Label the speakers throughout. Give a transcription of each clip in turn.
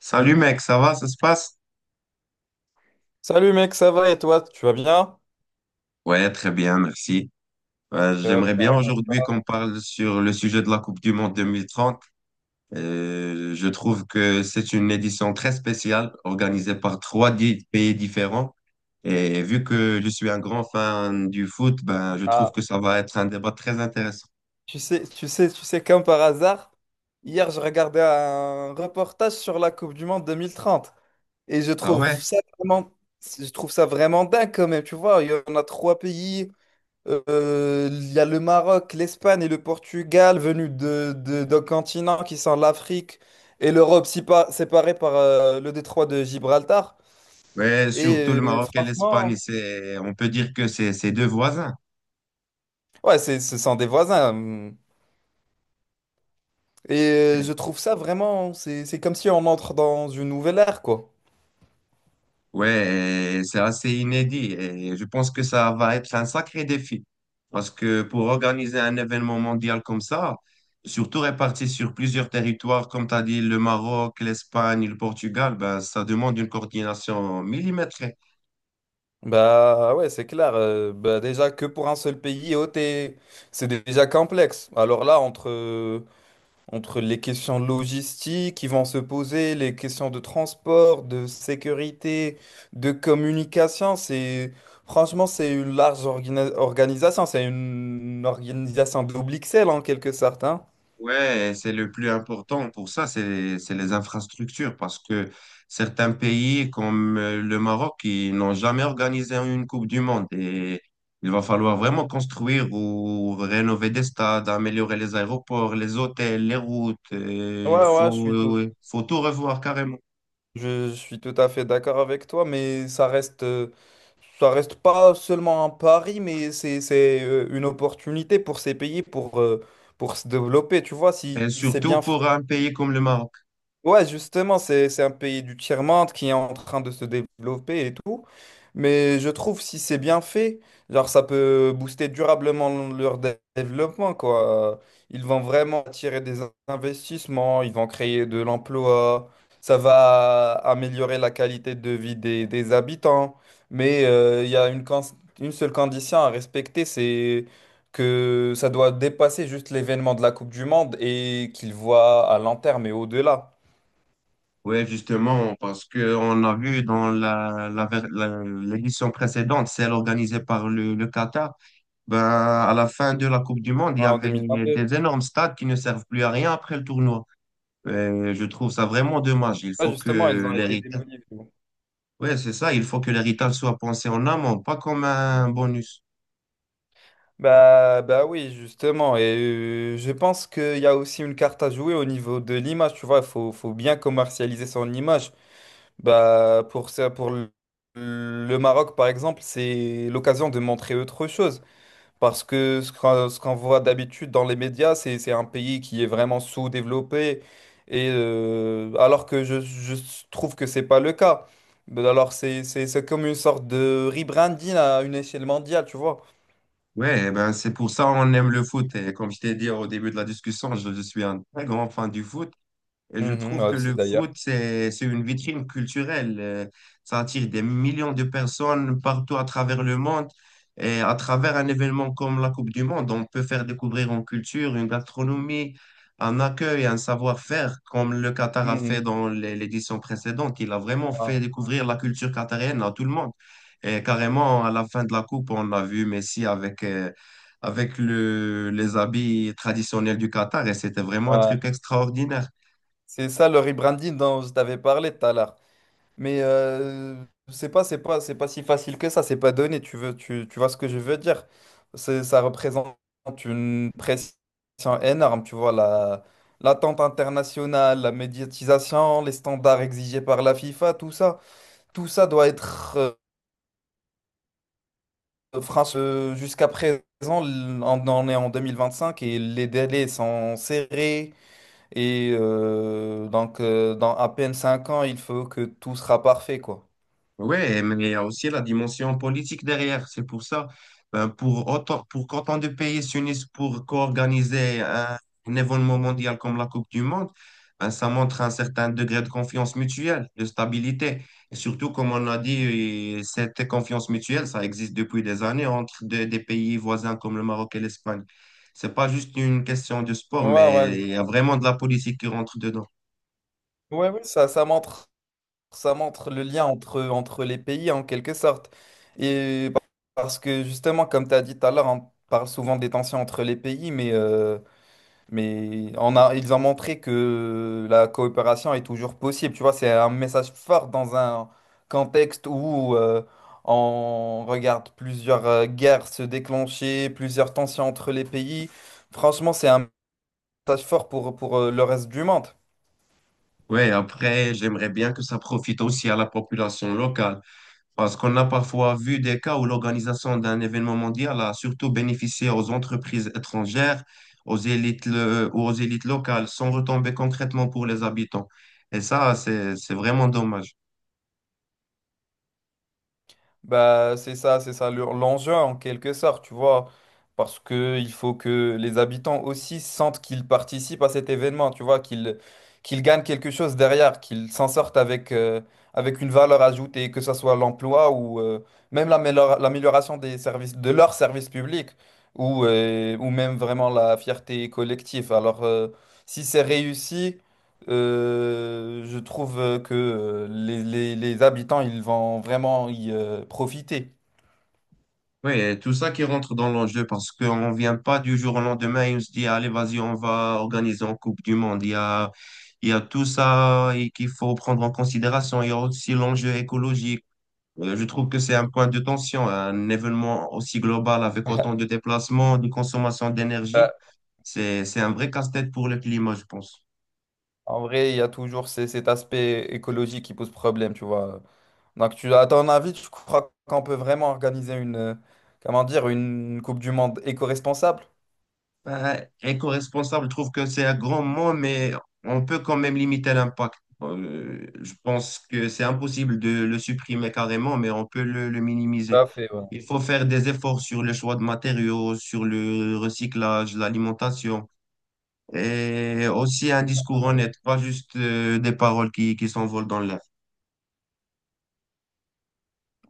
Speaker 1: Salut mec, ça va, ça se passe?
Speaker 2: Salut mec, ça va et toi, tu vas bien?
Speaker 1: Ouais, très bien, merci.
Speaker 2: Top,
Speaker 1: J'aimerais
Speaker 2: ça
Speaker 1: bien
Speaker 2: raconte
Speaker 1: aujourd'hui
Speaker 2: pas.
Speaker 1: qu'on parle sur le sujet de la Coupe du Monde 2030. Je trouve que c'est une édition très spéciale organisée par pays différents. Et vu que je suis un grand fan du foot, ben, je trouve
Speaker 2: Ah,
Speaker 1: que ça va être un débat très intéressant.
Speaker 2: tu sais, tu sais, tu sais, comme par hasard, hier je regardais un reportage sur la Coupe du Monde 2030 et
Speaker 1: Ah ouais?
Speaker 2: je trouve ça vraiment dingue quand même, tu vois, il y en a trois pays, il y a le Maroc, l'Espagne et le Portugal venus d'un continent qui sont l'Afrique et l'Europe séparée par le détroit de Gibraltar
Speaker 1: Ouais, surtout
Speaker 2: et
Speaker 1: le Maroc et l'Espagne,
Speaker 2: franchement...
Speaker 1: on peut dire que c'est deux voisins.
Speaker 2: Ouais, ce sont des voisins. Hmm. Et je trouve ça vraiment, c'est comme si on entre dans une nouvelle ère, quoi.
Speaker 1: Ouais, et c'est assez inédit et je pense que ça va être un sacré défi. Parce que pour organiser un événement mondial comme ça, surtout réparti sur plusieurs territoires, comme tu as dit, le Maroc, l'Espagne, le Portugal, ben, ça demande une coordination millimétrée.
Speaker 2: Bah ouais, c'est clair. Bah déjà que pour un seul pays, oh, c'est déjà complexe. Alors là, entre les questions logistiques qui vont se poser, les questions de transport, de sécurité, de communication, c'est franchement, c'est une large organisation. C'est une organisation double XL en quelque sorte, hein.
Speaker 1: Ouais, c'est le plus important pour ça, c'est les infrastructures, parce que certains pays comme le Maroc, ils n'ont jamais organisé une Coupe du Monde et il va falloir vraiment construire ou rénover des stades, améliorer les aéroports, les hôtels, les routes.
Speaker 2: Ouais,
Speaker 1: Il
Speaker 2: ouais,
Speaker 1: faut, faut tout revoir carrément.
Speaker 2: Je suis tout à fait d'accord avec toi, mais ça reste pas seulement un pari, mais c'est une opportunité pour ces pays pour se développer. Tu vois, si
Speaker 1: Et
Speaker 2: si c'est
Speaker 1: surtout
Speaker 2: bien
Speaker 1: pour
Speaker 2: fait.
Speaker 1: un pays comme le Maroc.
Speaker 2: Ouais, justement, c'est un pays du tiers-monde qui est en train de se développer et tout. Mais je trouve si c'est bien fait, genre ça peut booster durablement leur développement, quoi. Ils vont vraiment attirer des investissements, ils vont créer de l'emploi, ça va améliorer la qualité de vie des habitants. Mais il y a une seule condition à respecter, c'est que ça doit dépasser juste l'événement de la Coupe du Monde et qu'ils voient à long terme et au-delà.
Speaker 1: Oui, justement, parce que on a vu dans l'édition précédente, celle organisée par le Qatar, ben, à la fin de la Coupe du Monde, il y
Speaker 2: Ouais, en
Speaker 1: avait
Speaker 2: 2022.
Speaker 1: des énormes stades qui ne servent plus à rien après le tournoi. Et je trouve ça vraiment dommage. Il
Speaker 2: Ah,
Speaker 1: faut
Speaker 2: justement, ils
Speaker 1: que
Speaker 2: ont été
Speaker 1: l'héritage,
Speaker 2: démolis. Mais bon.
Speaker 1: ouais, c'est ça, il faut que
Speaker 2: Tu-
Speaker 1: l'héritage soit pensé en amont, pas comme un bonus.
Speaker 2: bah, oui, justement. Et je pense qu'il y a aussi une carte à jouer au niveau de l'image. Tu vois, il faut bien commercialiser son image. Bah, pour ça, pour le Maroc, par exemple, c'est l'occasion de montrer autre chose. Parce que ce qu'on voit d'habitude dans les médias, c'est un pays qui est vraiment sous-développé, et alors que je trouve que c'est pas le cas. Mais alors c'est comme une sorte de rebranding à une échelle mondiale, tu vois.
Speaker 1: Ouais, eh ben, c'est pour ça on aime le foot. Et comme je t'ai dit au début de la discussion, je suis un très grand fan du foot. Et je
Speaker 2: Mhm,
Speaker 1: trouve
Speaker 2: ouais,
Speaker 1: que
Speaker 2: aussi
Speaker 1: le foot,
Speaker 2: d'ailleurs.
Speaker 1: c'est une vitrine culturelle. Ça attire des millions de personnes partout à travers le monde. Et à travers un événement comme la Coupe du Monde, on peut faire découvrir une culture, une gastronomie, un accueil, un savoir-faire, comme le Qatar a fait
Speaker 2: Mhm.
Speaker 1: dans l'édition précédente. Il a vraiment
Speaker 2: Ouais,
Speaker 1: fait
Speaker 2: ouais.
Speaker 1: découvrir la culture qatarienne à tout le monde. Et carrément, à la fin de la Coupe, on a vu Messi avec, avec les habits traditionnels du Qatar et c'était vraiment un
Speaker 2: Ouais.
Speaker 1: truc extraordinaire.
Speaker 2: C'est ça le rebranding dont je t'avais parlé tout à l'heure. Mais c'est pas si facile que ça, c'est pas donné, tu vois ce que je veux dire. Ça représente une pression énorme, tu vois, l'attente internationale, la médiatisation, les standards exigés par la FIFA, tout ça doit être, France, jusqu'à présent, on en est en 2025 et les délais sont serrés. Et donc, dans à peine 5 ans, il faut que tout sera parfait, quoi.
Speaker 1: Ouais, mais il y a aussi la dimension politique derrière. C'est pour ça, ben, pour autant, pour qu'autant de pays s'unissent pour co-organiser un événement mondial comme la Coupe du Monde, ben, ça montre un certain degré de confiance mutuelle, de stabilité. Et surtout, comme on a dit, eh, cette confiance mutuelle, ça existe depuis des années entre des pays voisins comme le Maroc et l'Espagne. C'est pas juste une question de sport,
Speaker 2: Ouais,
Speaker 1: mais
Speaker 2: ouais,
Speaker 1: il y a vraiment de la politique qui rentre dedans.
Speaker 2: ouais, ouais, ça montre le lien entre les pays en quelque sorte. Et parce que justement, comme tu as dit tout à l'heure, on parle souvent des tensions entre les pays, mais ils ont montré que la coopération est toujours possible. Tu vois, c'est un message fort dans un contexte où on regarde plusieurs guerres se déclencher, plusieurs tensions entre les pays. Franchement, c'est un message fort pour le reste du monde.
Speaker 1: Ouais, après, j'aimerais bien que ça profite aussi à la population locale. Parce qu'on a parfois vu des cas où l'organisation d'un événement mondial a surtout bénéficié aux entreprises étrangères, ou aux élites locales, sans retomber concrètement pour les habitants. Et ça, c'est vraiment dommage.
Speaker 2: Bah, c'est ça l'enjeu en quelque sorte, tu vois, parce que il faut que les habitants aussi sentent qu'ils participent à cet événement, tu vois, qu'ils gagnent quelque chose derrière, qu'ils s'en sortent avec une valeur ajoutée, que ce soit l'emploi ou même l'amélioration des services, de leurs services publics, ou même vraiment la fierté collective. Alors, si c'est réussi... je trouve que les habitants, ils vont vraiment y profiter.
Speaker 1: Oui, et tout ça qui rentre dans l'enjeu parce qu'on ne vient pas du jour au lendemain et on se dit, allez, vas-y, on va organiser une Coupe du Monde. Il y a tout ça et qu'il faut prendre en considération. Il y a aussi l'enjeu écologique. Je trouve que c'est un point de tension, un événement aussi global avec autant de déplacements, de consommation
Speaker 2: Euh,
Speaker 1: d'énergie. C'est un vrai casse-tête pour le climat, je pense.
Speaker 2: En vrai, il y a toujours cet aspect écologique qui pose problème, tu vois. Donc, à ton avis, tu crois qu'on peut vraiment organiser une Coupe du Monde éco-responsable?
Speaker 1: Ben, éco-responsable, je trouve que c'est un grand mot, mais on peut quand même limiter l'impact. Je pense que c'est impossible de le supprimer carrément, mais on peut le
Speaker 2: Tout
Speaker 1: minimiser.
Speaker 2: à fait, ouais.
Speaker 1: Il faut faire des efforts sur le choix de matériaux, sur le recyclage, l'alimentation. Et aussi un discours
Speaker 2: Euh,
Speaker 1: honnête, pas juste des paroles qui s'envolent dans l'air.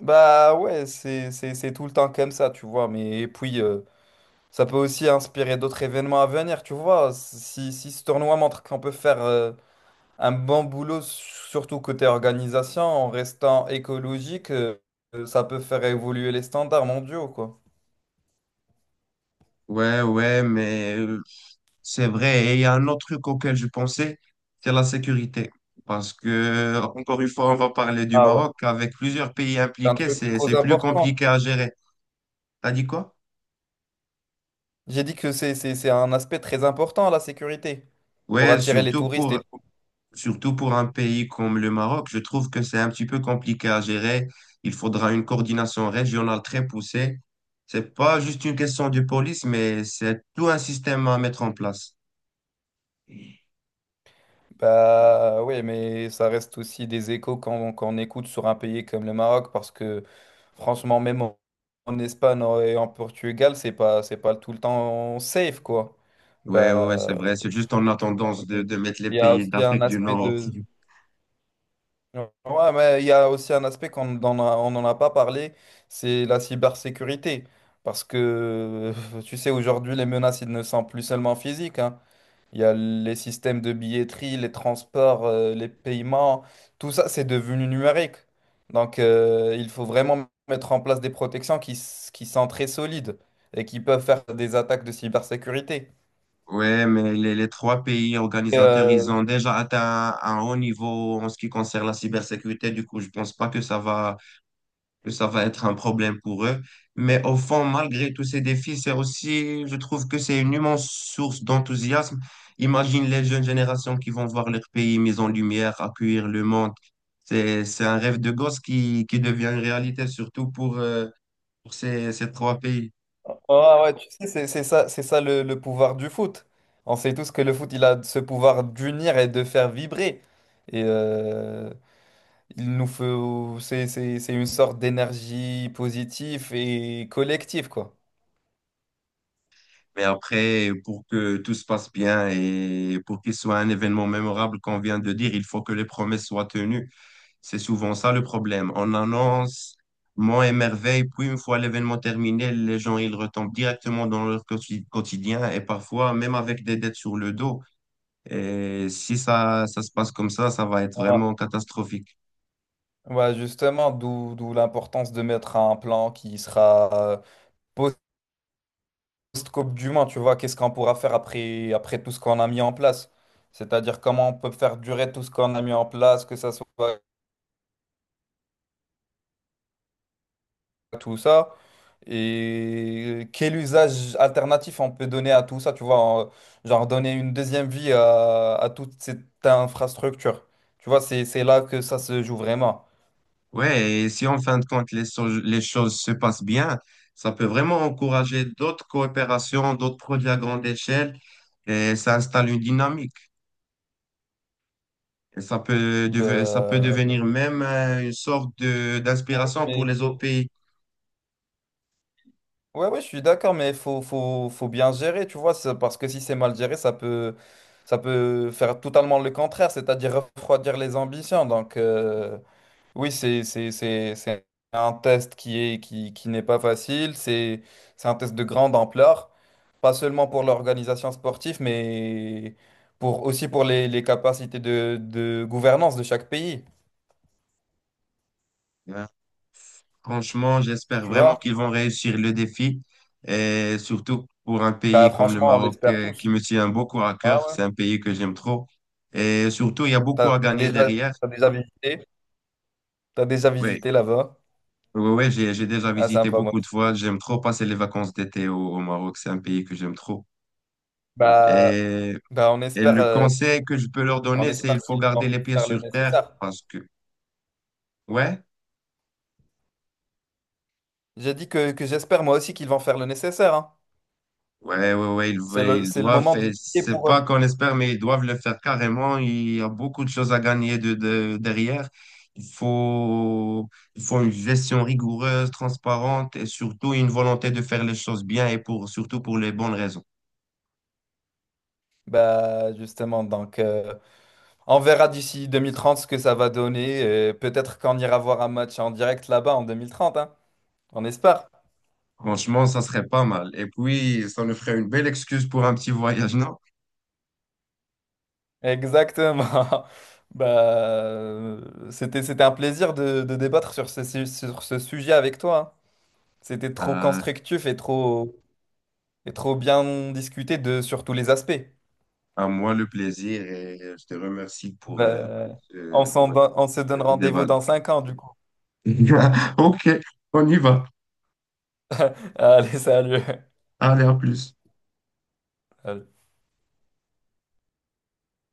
Speaker 2: Bah ouais, c'est tout le temps comme ça, tu vois. Mais et puis, ça peut aussi inspirer d'autres événements à venir, tu vois. Si ce tournoi montre qu'on peut faire un bon boulot, surtout côté organisation, en restant écologique, ça peut faire évoluer les standards mondiaux, quoi.
Speaker 1: Ouais, ouais, mais c'est vrai. Et il y a un autre truc auquel je pensais, c'est la sécurité. Parce que, encore une fois, on va parler du
Speaker 2: Ah ouais.
Speaker 1: Maroc. Avec plusieurs pays
Speaker 2: C'est un
Speaker 1: impliqués,
Speaker 2: truc trop
Speaker 1: c'est plus
Speaker 2: important.
Speaker 1: compliqué à gérer. T'as dit quoi?
Speaker 2: J'ai dit que c'est un aspect très important, la sécurité, pour
Speaker 1: Ouais,
Speaker 2: attirer les
Speaker 1: surtout
Speaker 2: touristes et
Speaker 1: pour,
Speaker 2: tout.
Speaker 1: surtout pour un pays comme le Maroc, je trouve que c'est un petit peu compliqué à gérer. Il faudra une coordination régionale très poussée. C'est pas juste une question de police, mais c'est tout un système à mettre en place.
Speaker 2: Bah oui, mais ça reste aussi des échos quand on écoute sur un pays comme le Maroc, parce que franchement, même en Espagne et en Portugal, c'est pas tout le temps safe, quoi.
Speaker 1: Ouais, ouais, ouais,
Speaker 2: Bah,
Speaker 1: c'est vrai. C'est juste en a
Speaker 2: tu vois,
Speaker 1: tendance
Speaker 2: mais
Speaker 1: de mettre les
Speaker 2: il y a
Speaker 1: pays
Speaker 2: aussi un
Speaker 1: d'Afrique du
Speaker 2: aspect
Speaker 1: Nord.
Speaker 2: de... Ouais, mais il y a aussi un aspect qu'on n'en a pas parlé, c'est la cybersécurité. Parce que, tu sais, aujourd'hui, les menaces, elles ne sont plus seulement physiques, hein, il y a les systèmes de billetterie, les transports, les paiements, tout ça, c'est devenu numérique. Donc, il faut vraiment mettre en place des protections qui sont très solides et qui peuvent faire des attaques de cybersécurité.
Speaker 1: Ouais, mais les trois pays
Speaker 2: Et,
Speaker 1: organisateurs, ils
Speaker 2: euh,
Speaker 1: ont déjà atteint un haut niveau en ce qui concerne la cybersécurité. Du coup, je pense pas que ça va que ça va être un problème pour eux. Mais au fond, malgré tous ces défis, c'est aussi, je trouve que c'est une immense source d'enthousiasme. Imagine les jeunes générations qui vont voir leur pays mis en lumière, accueillir le monde. C'est un rêve de gosse qui devient une réalité, surtout pour ces trois pays.
Speaker 2: oh, ah ouais, tu sais, c'est ça le pouvoir du foot. On sait tous que le foot, il a ce pouvoir d'unir et de faire vibrer. Et il nous faut, c'est une sorte d'énergie positive et collective, quoi.
Speaker 1: Mais après, pour que tout se passe bien et pour qu'il soit un événement mémorable qu'on vient de dire, il faut que les promesses soient tenues. C'est souvent ça le problème. On annonce Mont et merveille, puis une fois l'événement terminé, les gens ils retombent directement dans leur quotidien et parfois même avec des dettes sur le dos. Et si ça, ça se passe comme ça va être vraiment catastrophique.
Speaker 2: Ouais, justement, d'où l'importance de mettre un plan qui sera euh, post-Coupe du Monde, tu vois, qu'est-ce qu'on pourra faire après tout ce qu'on a mis en place. C'est-à-dire comment on peut faire durer tout ce qu'on a mis en place, que ça soit tout ça, et quel usage alternatif on peut donner à tout ça, tu vois, genre donner une deuxième vie à toute cette infrastructure. Tu vois, c'est là que ça se joue vraiment.
Speaker 1: Ouais, et si en fin de compte les choses se passent bien, ça peut vraiment encourager d'autres coopérations, d'autres projets à grande échelle et ça installe une dynamique. Et ça peut, ça peut
Speaker 2: Bah,
Speaker 1: devenir même une sorte de
Speaker 2: Oui,
Speaker 1: d'inspiration pour
Speaker 2: mais
Speaker 1: les autres
Speaker 2: faut-
Speaker 1: pays.
Speaker 2: Ouais, ouais, je suis d'accord, mais faut bien gérer, tu vois, parce que si c'est mal géré, ça peut faire totalement le contraire, c'est-à-dire refroidir les ambitions. Donc, oui, c'est un test qui n'est pas facile, c'est un test de grande ampleur, pas seulement pour l'organisation sportive, mais aussi pour les capacités de gouvernance de chaque pays,
Speaker 1: Euh, Franchement, j'espère
Speaker 2: tu
Speaker 1: vraiment qu'ils
Speaker 2: vois.
Speaker 1: vont réussir le défi, et surtout pour un
Speaker 2: Bah,
Speaker 1: pays comme le
Speaker 2: franchement, on
Speaker 1: Maroc
Speaker 2: l'espère
Speaker 1: qui
Speaker 2: tous.
Speaker 1: me tient beaucoup à
Speaker 2: Ouais,
Speaker 1: cœur.
Speaker 2: ouais.
Speaker 1: C'est un pays que j'aime trop. Et surtout, il y a beaucoup
Speaker 2: T'as
Speaker 1: à gagner
Speaker 2: déjà,
Speaker 1: derrière.
Speaker 2: t'as déjà visité? T'as déjà
Speaker 1: Oui,
Speaker 2: visité là-bas?
Speaker 1: oui, oui, j'ai déjà
Speaker 2: Ah,
Speaker 1: visité
Speaker 2: sympa, moi
Speaker 1: beaucoup de
Speaker 2: aussi.
Speaker 1: fois.
Speaker 2: Ouais.
Speaker 1: J'aime trop passer les vacances d'été au Maroc. C'est un pays que j'aime trop.
Speaker 2: Bah,
Speaker 1: Et,
Speaker 2: bah,
Speaker 1: et le conseil que je peux leur
Speaker 2: on
Speaker 1: donner, c'est
Speaker 2: espère
Speaker 1: il faut
Speaker 2: qu'ils vont
Speaker 1: garder les pieds
Speaker 2: faire le
Speaker 1: sur terre
Speaker 2: nécessaire.
Speaker 1: parce que, ouais.
Speaker 2: J'ai dit que j'espère moi aussi qu'ils vont faire le nécessaire, hein.
Speaker 1: Ouais, ouais, ouais,
Speaker 2: C'est le,
Speaker 1: ils
Speaker 2: c'est le
Speaker 1: doivent,
Speaker 2: moment de
Speaker 1: et
Speaker 2: prier
Speaker 1: c'est
Speaker 2: pour eux.
Speaker 1: pas qu'on espère, mais ils doivent le faire carrément. Il y a beaucoup de choses à gagner derrière. Il faut, il faut une gestion rigoureuse, transparente et surtout une volonté de faire les choses bien et pour, surtout pour les bonnes raisons.
Speaker 2: Bah, justement, donc, on verra d'ici 2030 ce que ça va donner. Et peut-être qu'on ira voir un match en direct là-bas en 2030, hein. On espère.
Speaker 1: Franchement, ça serait pas mal. Et puis, ça nous ferait une belle excuse pour un petit voyage, non?
Speaker 2: Exactement. Bah, c'était un plaisir de débattre sur ce sujet avec toi, hein. C'était trop
Speaker 1: Euh,
Speaker 2: constructif et trop bien discuté sur tous les aspects.
Speaker 1: à moi le plaisir et je te remercie pour
Speaker 2: Bah,
Speaker 1: ce
Speaker 2: on se donne
Speaker 1: ce
Speaker 2: rendez-vous
Speaker 1: débat.
Speaker 2: dans 5 ans, du coup.
Speaker 1: Ok, on y va.
Speaker 2: Allez, salut.
Speaker 1: Allez, à plus.
Speaker 2: Allez.